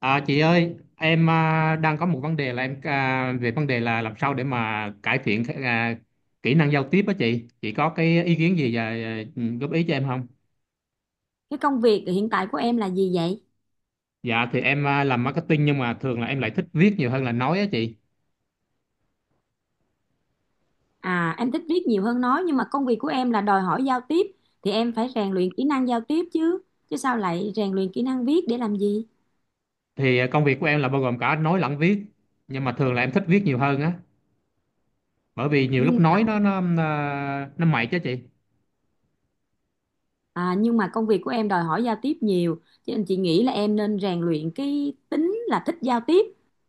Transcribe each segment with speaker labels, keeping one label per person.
Speaker 1: À, chị ơi, em đang có một vấn đề là em về vấn đề là làm sao để mà cải thiện kỹ năng giao tiếp á chị. Chị có cái ý kiến gì và góp ý cho em không?
Speaker 2: Cái công việc hiện tại của em là gì vậy?
Speaker 1: Dạ thì em làm marketing, nhưng mà thường là em lại thích viết nhiều hơn là nói á chị.
Speaker 2: À, em thích viết nhiều hơn nói, nhưng mà công việc của em là đòi hỏi giao tiếp thì em phải rèn luyện kỹ năng giao tiếp chứ. Chứ sao lại rèn luyện kỹ năng viết để làm gì?
Speaker 1: Thì công việc của em là bao gồm cả nói lẫn viết, nhưng mà thường là em thích viết nhiều hơn á, bởi vì nhiều lúc
Speaker 2: Nhưng
Speaker 1: nói nó mệt chứ chị.
Speaker 2: nhưng mà công việc của em đòi hỏi giao tiếp nhiều, cho nên chị nghĩ là em nên rèn luyện cái tính là thích giao tiếp,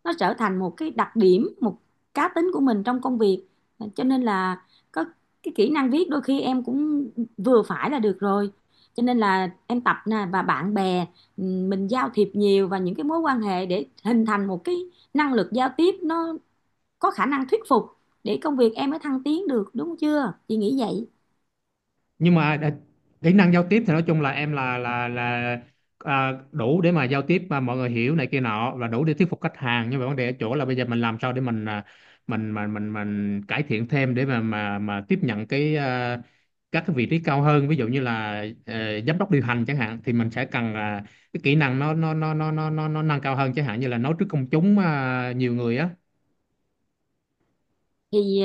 Speaker 2: nó trở thành một cái đặc điểm, một cá tính của mình trong công việc. À, cho nên là có cái kỹ năng viết đôi khi em cũng vừa phải là được rồi. Cho nên là em tập nè, và bạn bè, mình giao thiệp nhiều, và những cái mối quan hệ, để hình thành một cái năng lực giao tiếp nó có khả năng thuyết phục, để công việc em mới thăng tiến được, đúng chưa, chị nghĩ vậy.
Speaker 1: Nhưng mà kỹ năng giao tiếp thì nói chung là em là đủ để mà giao tiếp mà mọi người hiểu này kia nọ và đủ để thuyết phục khách hàng, nhưng mà vấn đề ở chỗ là bây giờ mình làm sao để mình mình cải thiện thêm để mà tiếp nhận các cái vị trí cao hơn, ví dụ như là giám đốc điều hành chẳng hạn, thì mình sẽ cần là cái kỹ năng nó nâng cao hơn, chẳng hạn như là nói trước công chúng nhiều người á.
Speaker 2: Thì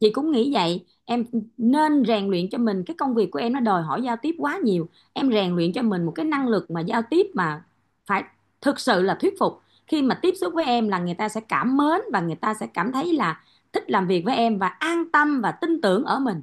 Speaker 2: chị cũng nghĩ vậy. Em nên rèn luyện cho mình, cái công việc của em nó đòi hỏi giao tiếp quá nhiều, em rèn luyện cho mình một cái năng lực mà giao tiếp mà phải thực sự là thuyết phục. Khi mà tiếp xúc với em là người ta sẽ cảm mến, và người ta sẽ cảm thấy là thích làm việc với em, và an tâm và tin tưởng ở mình.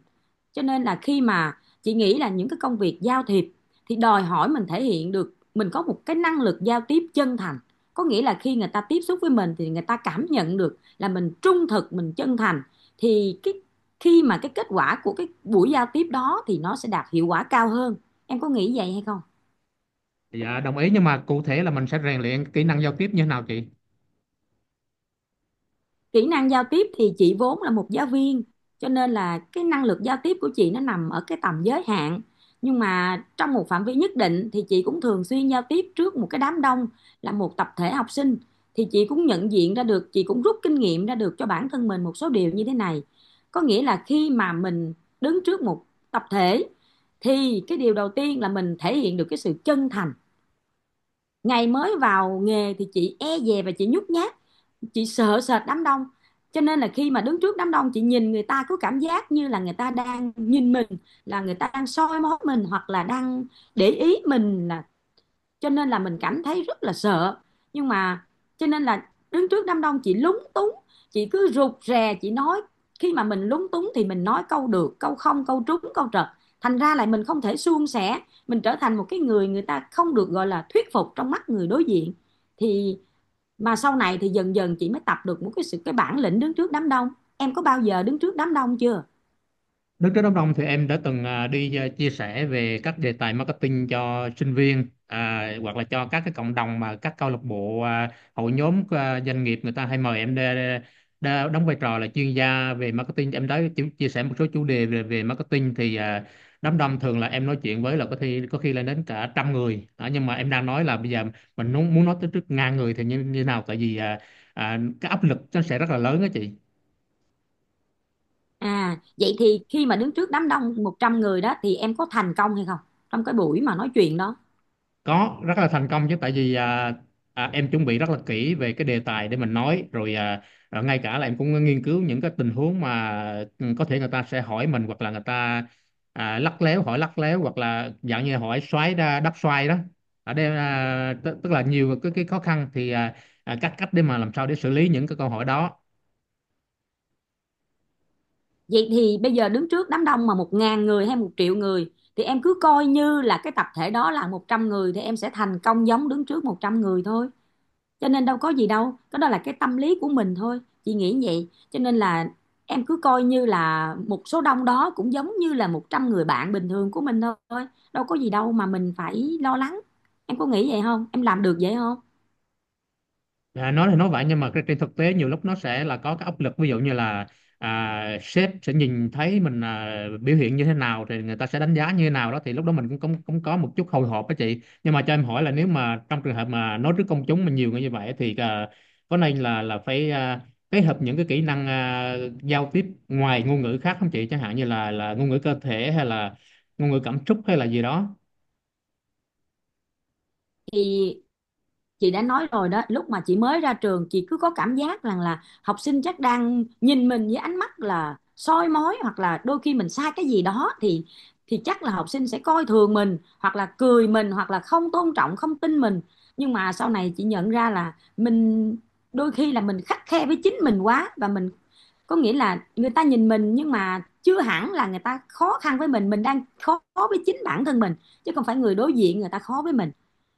Speaker 2: Cho nên là khi mà, chị nghĩ là những cái công việc giao thiệp thì đòi hỏi mình thể hiện được mình có một cái năng lực giao tiếp chân thành. Có nghĩa là khi người ta tiếp xúc với mình thì người ta cảm nhận được là mình trung thực, mình chân thành, thì cái khi mà cái kết quả của cái buổi giao tiếp đó thì nó sẽ đạt hiệu quả cao hơn. Em có nghĩ vậy hay không?
Speaker 1: Dạ đồng ý, nhưng mà cụ thể là mình sẽ rèn luyện kỹ năng giao tiếp như thế nào chị?
Speaker 2: Kỹ năng giao tiếp thì chị vốn là một giáo viên, cho nên là cái năng lực giao tiếp của chị nó nằm ở cái tầm giới hạn. Nhưng mà trong một phạm vi nhất định thì chị cũng thường xuyên giao tiếp trước một cái đám đông, là một tập thể học sinh, thì chị cũng nhận diện ra được, chị cũng rút kinh nghiệm ra được cho bản thân mình một số điều như thế này. Có nghĩa là khi mà mình đứng trước một tập thể thì cái điều đầu tiên là mình thể hiện được cái sự chân thành. Ngày mới vào nghề thì chị e dè và chị nhút nhát, chị sợ sệt đám đông. Cho nên là khi mà đứng trước đám đông chị nhìn người ta cứ cảm giác như là người ta đang nhìn mình, là người ta đang soi mói mình, hoặc là đang để ý mình, là cho nên là mình cảm thấy rất là sợ. Nhưng mà cho nên là đứng trước đám đông chị lúng túng, chị cứ rụt rè chị nói. Khi mà mình lúng túng thì mình nói câu được câu không, câu trúng câu trật, thành ra lại mình không thể suôn sẻ, mình trở thành một cái người người ta không được gọi là thuyết phục trong mắt người đối diện. Thì mà sau này thì dần dần chị mới tập được một cái sự, cái bản lĩnh đứng trước đám đông. Em có bao giờ đứng trước đám đông chưa?
Speaker 1: Đức Rất Đốc Đông thì em đã từng đi chia sẻ về các đề tài marketing cho sinh viên hoặc là cho các cái cộng đồng, mà các câu lạc bộ hội nhóm doanh nghiệp người ta hay mời em để đóng vai trò là chuyên gia về marketing. Em đã chia sẻ một số chủ đề về marketing, thì đám đông thường là em nói chuyện với là có khi lên đến cả trăm người nhưng mà em đang nói là bây giờ mình muốn muốn nói tới trước ngàn người thì như nào, tại vì cái áp lực nó sẽ rất là lớn đó chị.
Speaker 2: À vậy thì khi mà đứng trước đám đông 100 người đó thì em có thành công hay không, trong cái buổi mà nói chuyện đó?
Speaker 1: Có rất là thành công chứ, tại vì em chuẩn bị rất là kỹ về cái đề tài để mình nói rồi ngay cả là em cũng nghiên cứu những cái tình huống mà có thể người ta sẽ hỏi mình, hoặc là người ta lắc léo hỏi lắc léo, hoặc là dạng như hỏi xoáy đắp xoay đó. Ở đây tức tức là nhiều cái khó khăn, thì cách cách để mà làm sao để xử lý những cái câu hỏi đó.
Speaker 2: Vậy thì bây giờ đứng trước đám đông mà một ngàn người hay một triệu người thì em cứ coi như là cái tập thể đó là 100 người, thì em sẽ thành công giống đứng trước 100 người thôi. Cho nên đâu có gì đâu, cái đó là cái tâm lý của mình thôi, chị nghĩ vậy. Cho nên là em cứ coi như là một số đông đó cũng giống như là 100 người bạn bình thường của mình thôi, đâu có gì đâu mà mình phải lo lắng. Em có nghĩ vậy không, em làm được vậy không?
Speaker 1: À, nói thì nói vậy, nhưng mà trên thực tế nhiều lúc nó sẽ là có cái áp lực, ví dụ như là sếp sẽ nhìn thấy mình biểu hiện như thế nào thì người ta sẽ đánh giá như thế nào đó, thì lúc đó mình cũng cũng, cũng có một chút hồi hộp đó chị. Nhưng mà cho em hỏi là nếu mà trong trường hợp mà nói trước công chúng mà nhiều người như vậy thì có nên là phải kết hợp những cái kỹ năng giao tiếp ngoài ngôn ngữ khác không chị, chẳng hạn như là ngôn ngữ cơ thể hay là ngôn ngữ cảm xúc hay là gì đó?
Speaker 2: Thì chị đã nói rồi đó, lúc mà chị mới ra trường chị cứ có cảm giác rằng là học sinh chắc đang nhìn mình với ánh mắt là soi mói, hoặc là đôi khi mình sai cái gì đó thì chắc là học sinh sẽ coi thường mình, hoặc là cười mình, hoặc là không tôn trọng, không tin mình. Nhưng mà sau này chị nhận ra là mình đôi khi là mình khắt khe với chính mình quá, và mình, có nghĩa là người ta nhìn mình nhưng mà chưa hẳn là người ta khó khăn với mình đang khó với chính bản thân mình, chứ không phải người đối diện người ta khó với mình.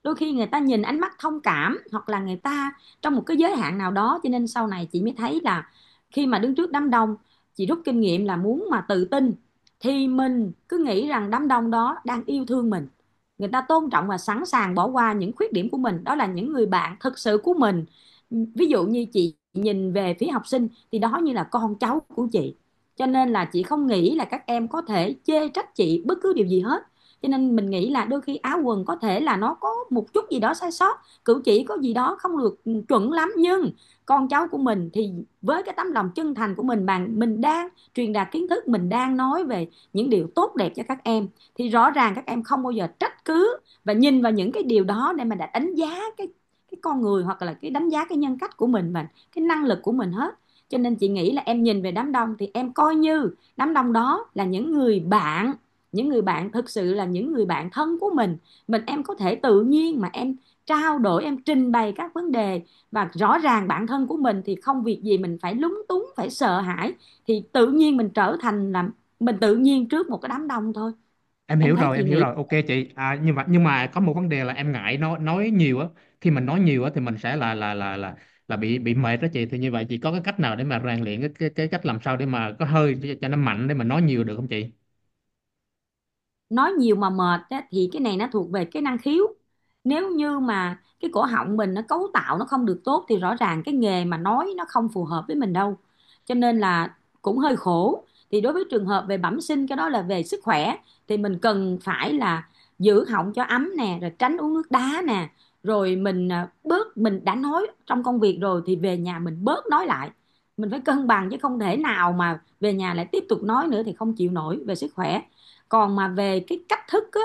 Speaker 2: Đôi khi người ta nhìn ánh mắt thông cảm, hoặc là người ta trong một cái giới hạn nào đó. Cho nên sau này chị mới thấy là khi mà đứng trước đám đông, chị rút kinh nghiệm là muốn mà tự tin thì mình cứ nghĩ rằng đám đông đó đang yêu thương mình, người ta tôn trọng và sẵn sàng bỏ qua những khuyết điểm của mình, đó là những người bạn thực sự của mình. Ví dụ như chị nhìn về phía học sinh thì đó như là con cháu của chị, cho nên là chị không nghĩ là các em có thể chê trách chị bất cứ điều gì hết. Cho nên mình nghĩ là đôi khi áo quần có thể là nó có một chút gì đó sai sót, cử chỉ có gì đó không được chuẩn lắm, nhưng con cháu của mình thì với cái tấm lòng chân thành của mình, mà mình đang truyền đạt kiến thức, mình đang nói về những điều tốt đẹp cho các em, thì rõ ràng các em không bao giờ trách cứ và nhìn vào những cái điều đó để mà đã đánh giá cái con người, hoặc là cái đánh giá cái nhân cách của mình, và cái năng lực của mình hết. Cho nên chị nghĩ là em nhìn về đám đông thì em coi như đám đông đó là những người bạn, những người bạn thực sự, là những người bạn thân của mình. Mình em có thể tự nhiên mà em trao đổi, em trình bày các vấn đề. Và rõ ràng bản thân của mình thì không việc gì mình phải lúng túng, phải sợ hãi, thì tự nhiên mình trở thành là, mình tự nhiên trước một cái đám đông thôi.
Speaker 1: Em
Speaker 2: Em
Speaker 1: hiểu
Speaker 2: thấy
Speaker 1: rồi,
Speaker 2: chị
Speaker 1: em hiểu
Speaker 2: nghĩ,
Speaker 1: rồi, ok chị nhưng mà có một vấn đề là em ngại nói nhiều á. Khi mình nói nhiều á thì mình sẽ là bị mệt đó chị. Thì như vậy chị có cái cách nào để mà rèn luyện cái cách làm sao để mà có hơi cho nó mạnh để mà nói nhiều được không chị?
Speaker 2: nói nhiều mà mệt á, thì cái này nó thuộc về cái năng khiếu. Nếu như mà cái cổ họng mình nó cấu tạo nó không được tốt thì rõ ràng cái nghề mà nói nó không phù hợp với mình đâu, cho nên là cũng hơi khổ. Thì đối với trường hợp về bẩm sinh, cái đó là về sức khỏe, thì mình cần phải là giữ họng cho ấm nè, rồi tránh uống nước đá nè, rồi mình, bớt, mình đã nói trong công việc rồi thì về nhà mình bớt nói lại. Mình phải cân bằng, chứ không thể nào mà về nhà lại tiếp tục nói nữa thì không chịu nổi về sức khỏe. Còn mà về cái cách thức á,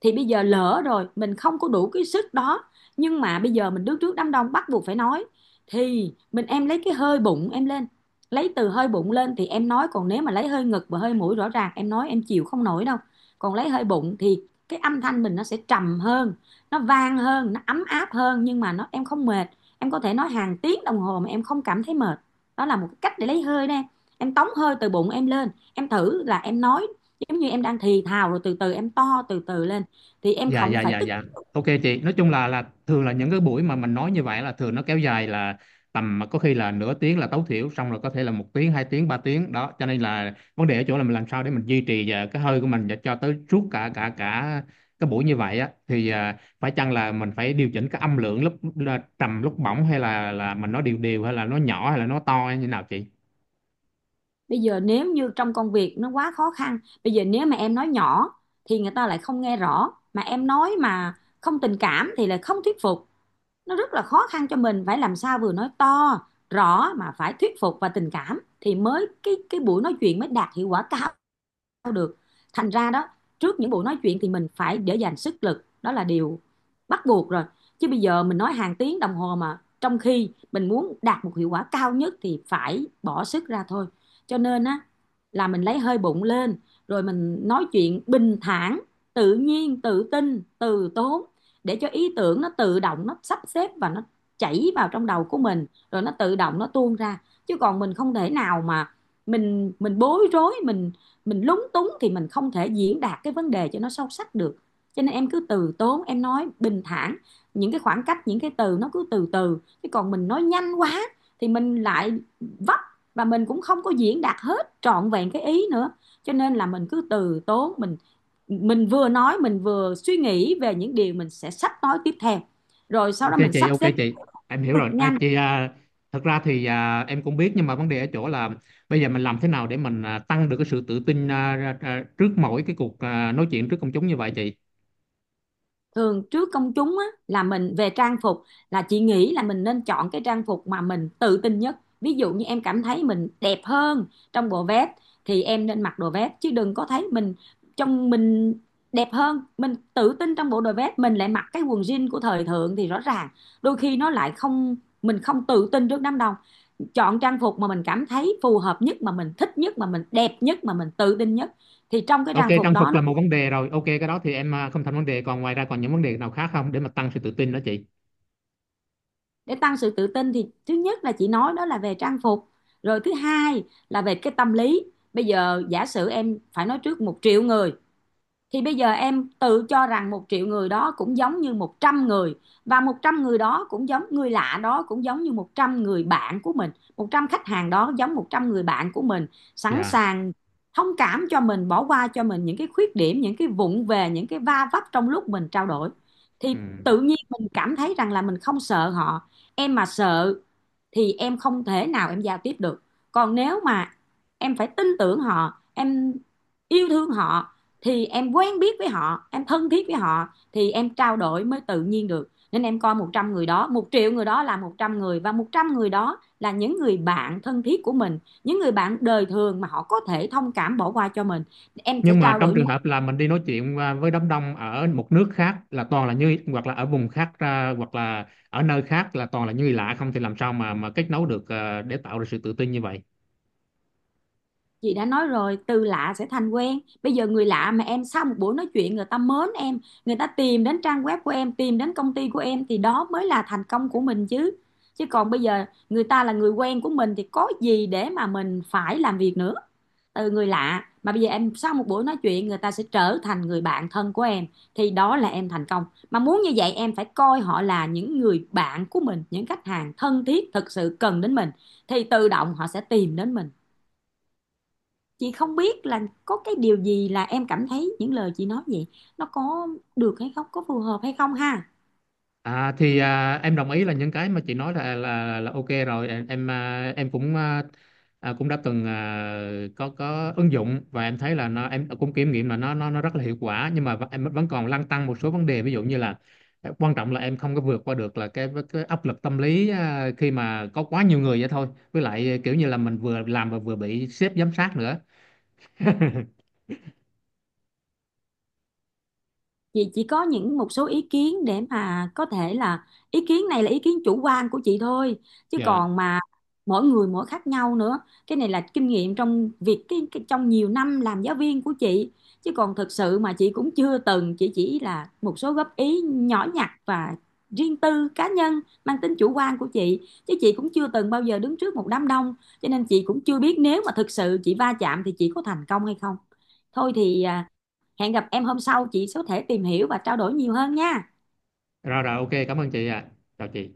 Speaker 2: thì bây giờ lỡ rồi mình không có đủ cái sức đó, nhưng mà bây giờ mình đứng trước đám đông bắt buộc phải nói, thì mình, em lấy cái hơi bụng em lên. Lấy từ hơi bụng lên thì em nói, còn nếu mà lấy hơi ngực và hơi mũi rõ ràng em nói em chịu không nổi đâu. Còn lấy hơi bụng thì cái âm thanh mình nó sẽ trầm hơn, nó vang hơn, nó ấm áp hơn, nhưng mà nó em không mệt. Em có thể nói hàng tiếng đồng hồ mà em không cảm thấy mệt. Đó là một cái cách để lấy hơi đó. Em tống hơi từ bụng em lên, em thử là em nói giống như em đang thì thào, rồi từ từ em to từ từ lên thì em
Speaker 1: Dạ,
Speaker 2: không
Speaker 1: dạ,
Speaker 2: phải
Speaker 1: dạ,
Speaker 2: tức.
Speaker 1: dạ. Ok chị, nói chung là thường là những cái buổi mà mình nói như vậy là thường nó kéo dài là tầm mà có khi là nửa tiếng là tối thiểu, xong rồi có thể là một tiếng, hai tiếng, ba tiếng đó, cho nên là vấn đề ở chỗ là mình làm sao để mình duy trì cái hơi của mình và cho tới suốt cả cả cả cái buổi như vậy á, thì phải chăng là mình phải điều chỉnh cái âm lượng, lúc là trầm lúc bổng, hay là mình nói đều đều, hay là nó nhỏ hay là nó to hay như nào chị?
Speaker 2: Bây giờ nếu như trong công việc nó quá khó khăn, bây giờ nếu mà em nói nhỏ thì người ta lại không nghe rõ, mà em nói mà không tình cảm thì lại không thuyết phục. Nó rất là khó khăn cho mình, phải làm sao vừa nói to rõ mà phải thuyết phục và tình cảm thì mới, cái buổi nói chuyện mới đạt hiệu quả cao được. Thành ra đó, trước những buổi nói chuyện thì mình phải để dành sức lực, đó là điều bắt buộc rồi. Chứ bây giờ mình nói hàng tiếng đồng hồ mà trong khi mình muốn đạt một hiệu quả cao nhất thì phải bỏ sức ra thôi. Cho nên á là mình lấy hơi bụng lên rồi mình nói chuyện bình thản, tự nhiên, tự tin, từ tốn để cho ý tưởng nó tự động nó sắp xếp và nó chảy vào trong đầu của mình, rồi nó tự động nó tuôn ra. Chứ còn mình không thể nào mà mình bối rối, mình lúng túng thì mình không thể diễn đạt cái vấn đề cho nó sâu sắc được. Cho nên em cứ từ tốn, em nói bình thản, những cái khoảng cách, những cái từ nó cứ từ từ. Chứ còn mình nói nhanh quá thì mình lại vấp và mình cũng không có diễn đạt hết trọn vẹn cái ý nữa. Cho nên là mình cứ từ tốn, mình vừa nói mình vừa suy nghĩ về những điều mình sẽ sắp nói tiếp theo, rồi sau
Speaker 1: Ok
Speaker 2: đó mình
Speaker 1: chị,
Speaker 2: sắp
Speaker 1: ok
Speaker 2: xếp
Speaker 1: chị. Em hiểu
Speaker 2: cực
Speaker 1: rồi. À,
Speaker 2: nhanh.
Speaker 1: chị thật ra thì em cũng biết, nhưng mà vấn đề ở chỗ là bây giờ mình làm thế nào để mình tăng được cái sự tự tin trước mỗi cái cuộc nói chuyện trước công chúng như vậy chị?
Speaker 2: Thường trước công chúng á, là mình về trang phục, là chị nghĩ là mình nên chọn cái trang phục mà mình tự tin nhất. Ví dụ như em cảm thấy mình đẹp hơn trong bộ vest thì em nên mặc đồ vest, chứ đừng có thấy mình trong mình đẹp hơn, mình tự tin trong bộ đồ vest mình lại mặc cái quần jean của thời thượng thì rõ ràng đôi khi nó lại không, mình không tự tin trước đám đông. Chọn trang phục mà mình cảm thấy phù hợp nhất, mà mình thích nhất, mà mình đẹp nhất, mà mình tự tin nhất thì trong cái
Speaker 1: Ok,
Speaker 2: trang phục
Speaker 1: trang
Speaker 2: đó
Speaker 1: phục
Speaker 2: nó.
Speaker 1: là một vấn đề rồi. Ok, cái đó thì em không thành vấn đề. Còn ngoài ra còn những vấn đề nào khác không, để mà tăng sự tự tin đó chị?
Speaker 2: Để tăng sự tự tin thì thứ nhất là chị nói đó là về trang phục, rồi thứ hai là về cái tâm lý. Bây giờ giả sử em phải nói trước 1 triệu người thì bây giờ em tự cho rằng 1 triệu người đó cũng giống như 100 người, và 100 người đó cũng giống người lạ đó, cũng giống như 100 người bạn của mình. 100 khách hàng đó giống 100 người bạn của mình, sẵn
Speaker 1: Dạ.
Speaker 2: sàng thông cảm cho mình, bỏ qua cho mình những cái khuyết điểm, những cái vụng về, những cái va vấp trong lúc mình trao đổi, thì
Speaker 1: Ừ.
Speaker 2: tự nhiên mình cảm thấy rằng là mình không sợ họ. Em mà sợ thì em không thể nào em giao tiếp được. Còn nếu mà em phải tin tưởng họ, em yêu thương họ, thì em quen biết với họ, em thân thiết với họ thì em trao đổi mới tự nhiên được. Nên em coi 100 người đó, 1 triệu người đó là 100 người, và 100 người đó là những người bạn thân thiết của mình, những người bạn đời thường mà họ có thể thông cảm bỏ qua cho mình. Em sẽ
Speaker 1: Nhưng mà
Speaker 2: trao
Speaker 1: trong
Speaker 2: đổi.
Speaker 1: trường hợp là mình đi nói chuyện với đám đông ở một nước khác là toàn là như, hoặc là ở vùng khác hoặc là ở nơi khác là toàn là như lạ không, thì làm sao mà kết nối được để tạo ra sự tự tin như vậy?
Speaker 2: Chị đã nói rồi, từ lạ sẽ thành quen. Bây giờ người lạ mà em sau một buổi nói chuyện người ta mến em, người ta tìm đến trang web của em, tìm đến công ty của em thì đó mới là thành công của mình chứ. Chứ còn bây giờ người ta là người quen của mình thì có gì để mà mình phải làm việc nữa. Từ người lạ mà bây giờ em sau một buổi nói chuyện người ta sẽ trở thành người bạn thân của em, thì đó là em thành công. Mà muốn như vậy em phải coi họ là những người bạn của mình, những khách hàng thân thiết thực sự cần đến mình, thì tự động họ sẽ tìm đến mình. Chị không biết là có cái điều gì là em cảm thấy những lời chị nói vậy nó có được hay không, có phù hợp hay không ha.
Speaker 1: À thì em đồng ý là những cái mà chị nói là ok rồi, em cũng à, à, cũng đã từng có ứng dụng, và em thấy là nó em cũng kiểm nghiệm là nó rất là hiệu quả, nhưng mà em vẫn còn lăn tăn một số vấn đề, ví dụ như là quan trọng là em không có vượt qua được là cái áp lực tâm lý khi mà có quá nhiều người vậy thôi, với lại kiểu như là mình vừa làm và vừa bị sếp giám sát nữa.
Speaker 2: Chị chỉ có những một số ý kiến để mà có thể là ý kiến này là ý kiến chủ quan của chị thôi, chứ
Speaker 1: Dạ.
Speaker 2: còn mà mỗi người mỗi khác nhau nữa. Cái này là kinh nghiệm trong việc cái trong nhiều năm làm giáo viên của chị. Chứ còn thực sự mà chị cũng chưa từng, chị chỉ là một số góp ý nhỏ nhặt và riêng tư cá nhân mang tính chủ quan của chị. Chứ chị cũng chưa từng bao giờ đứng trước một đám đông, cho nên chị cũng chưa biết nếu mà thực sự chị va chạm thì chị có thành công hay không. Thôi thì hẹn gặp em hôm sau chị có thể tìm hiểu và trao đổi nhiều hơn nha
Speaker 1: Rồi, rồi, ok, cảm ơn chị ạ. Chào chị.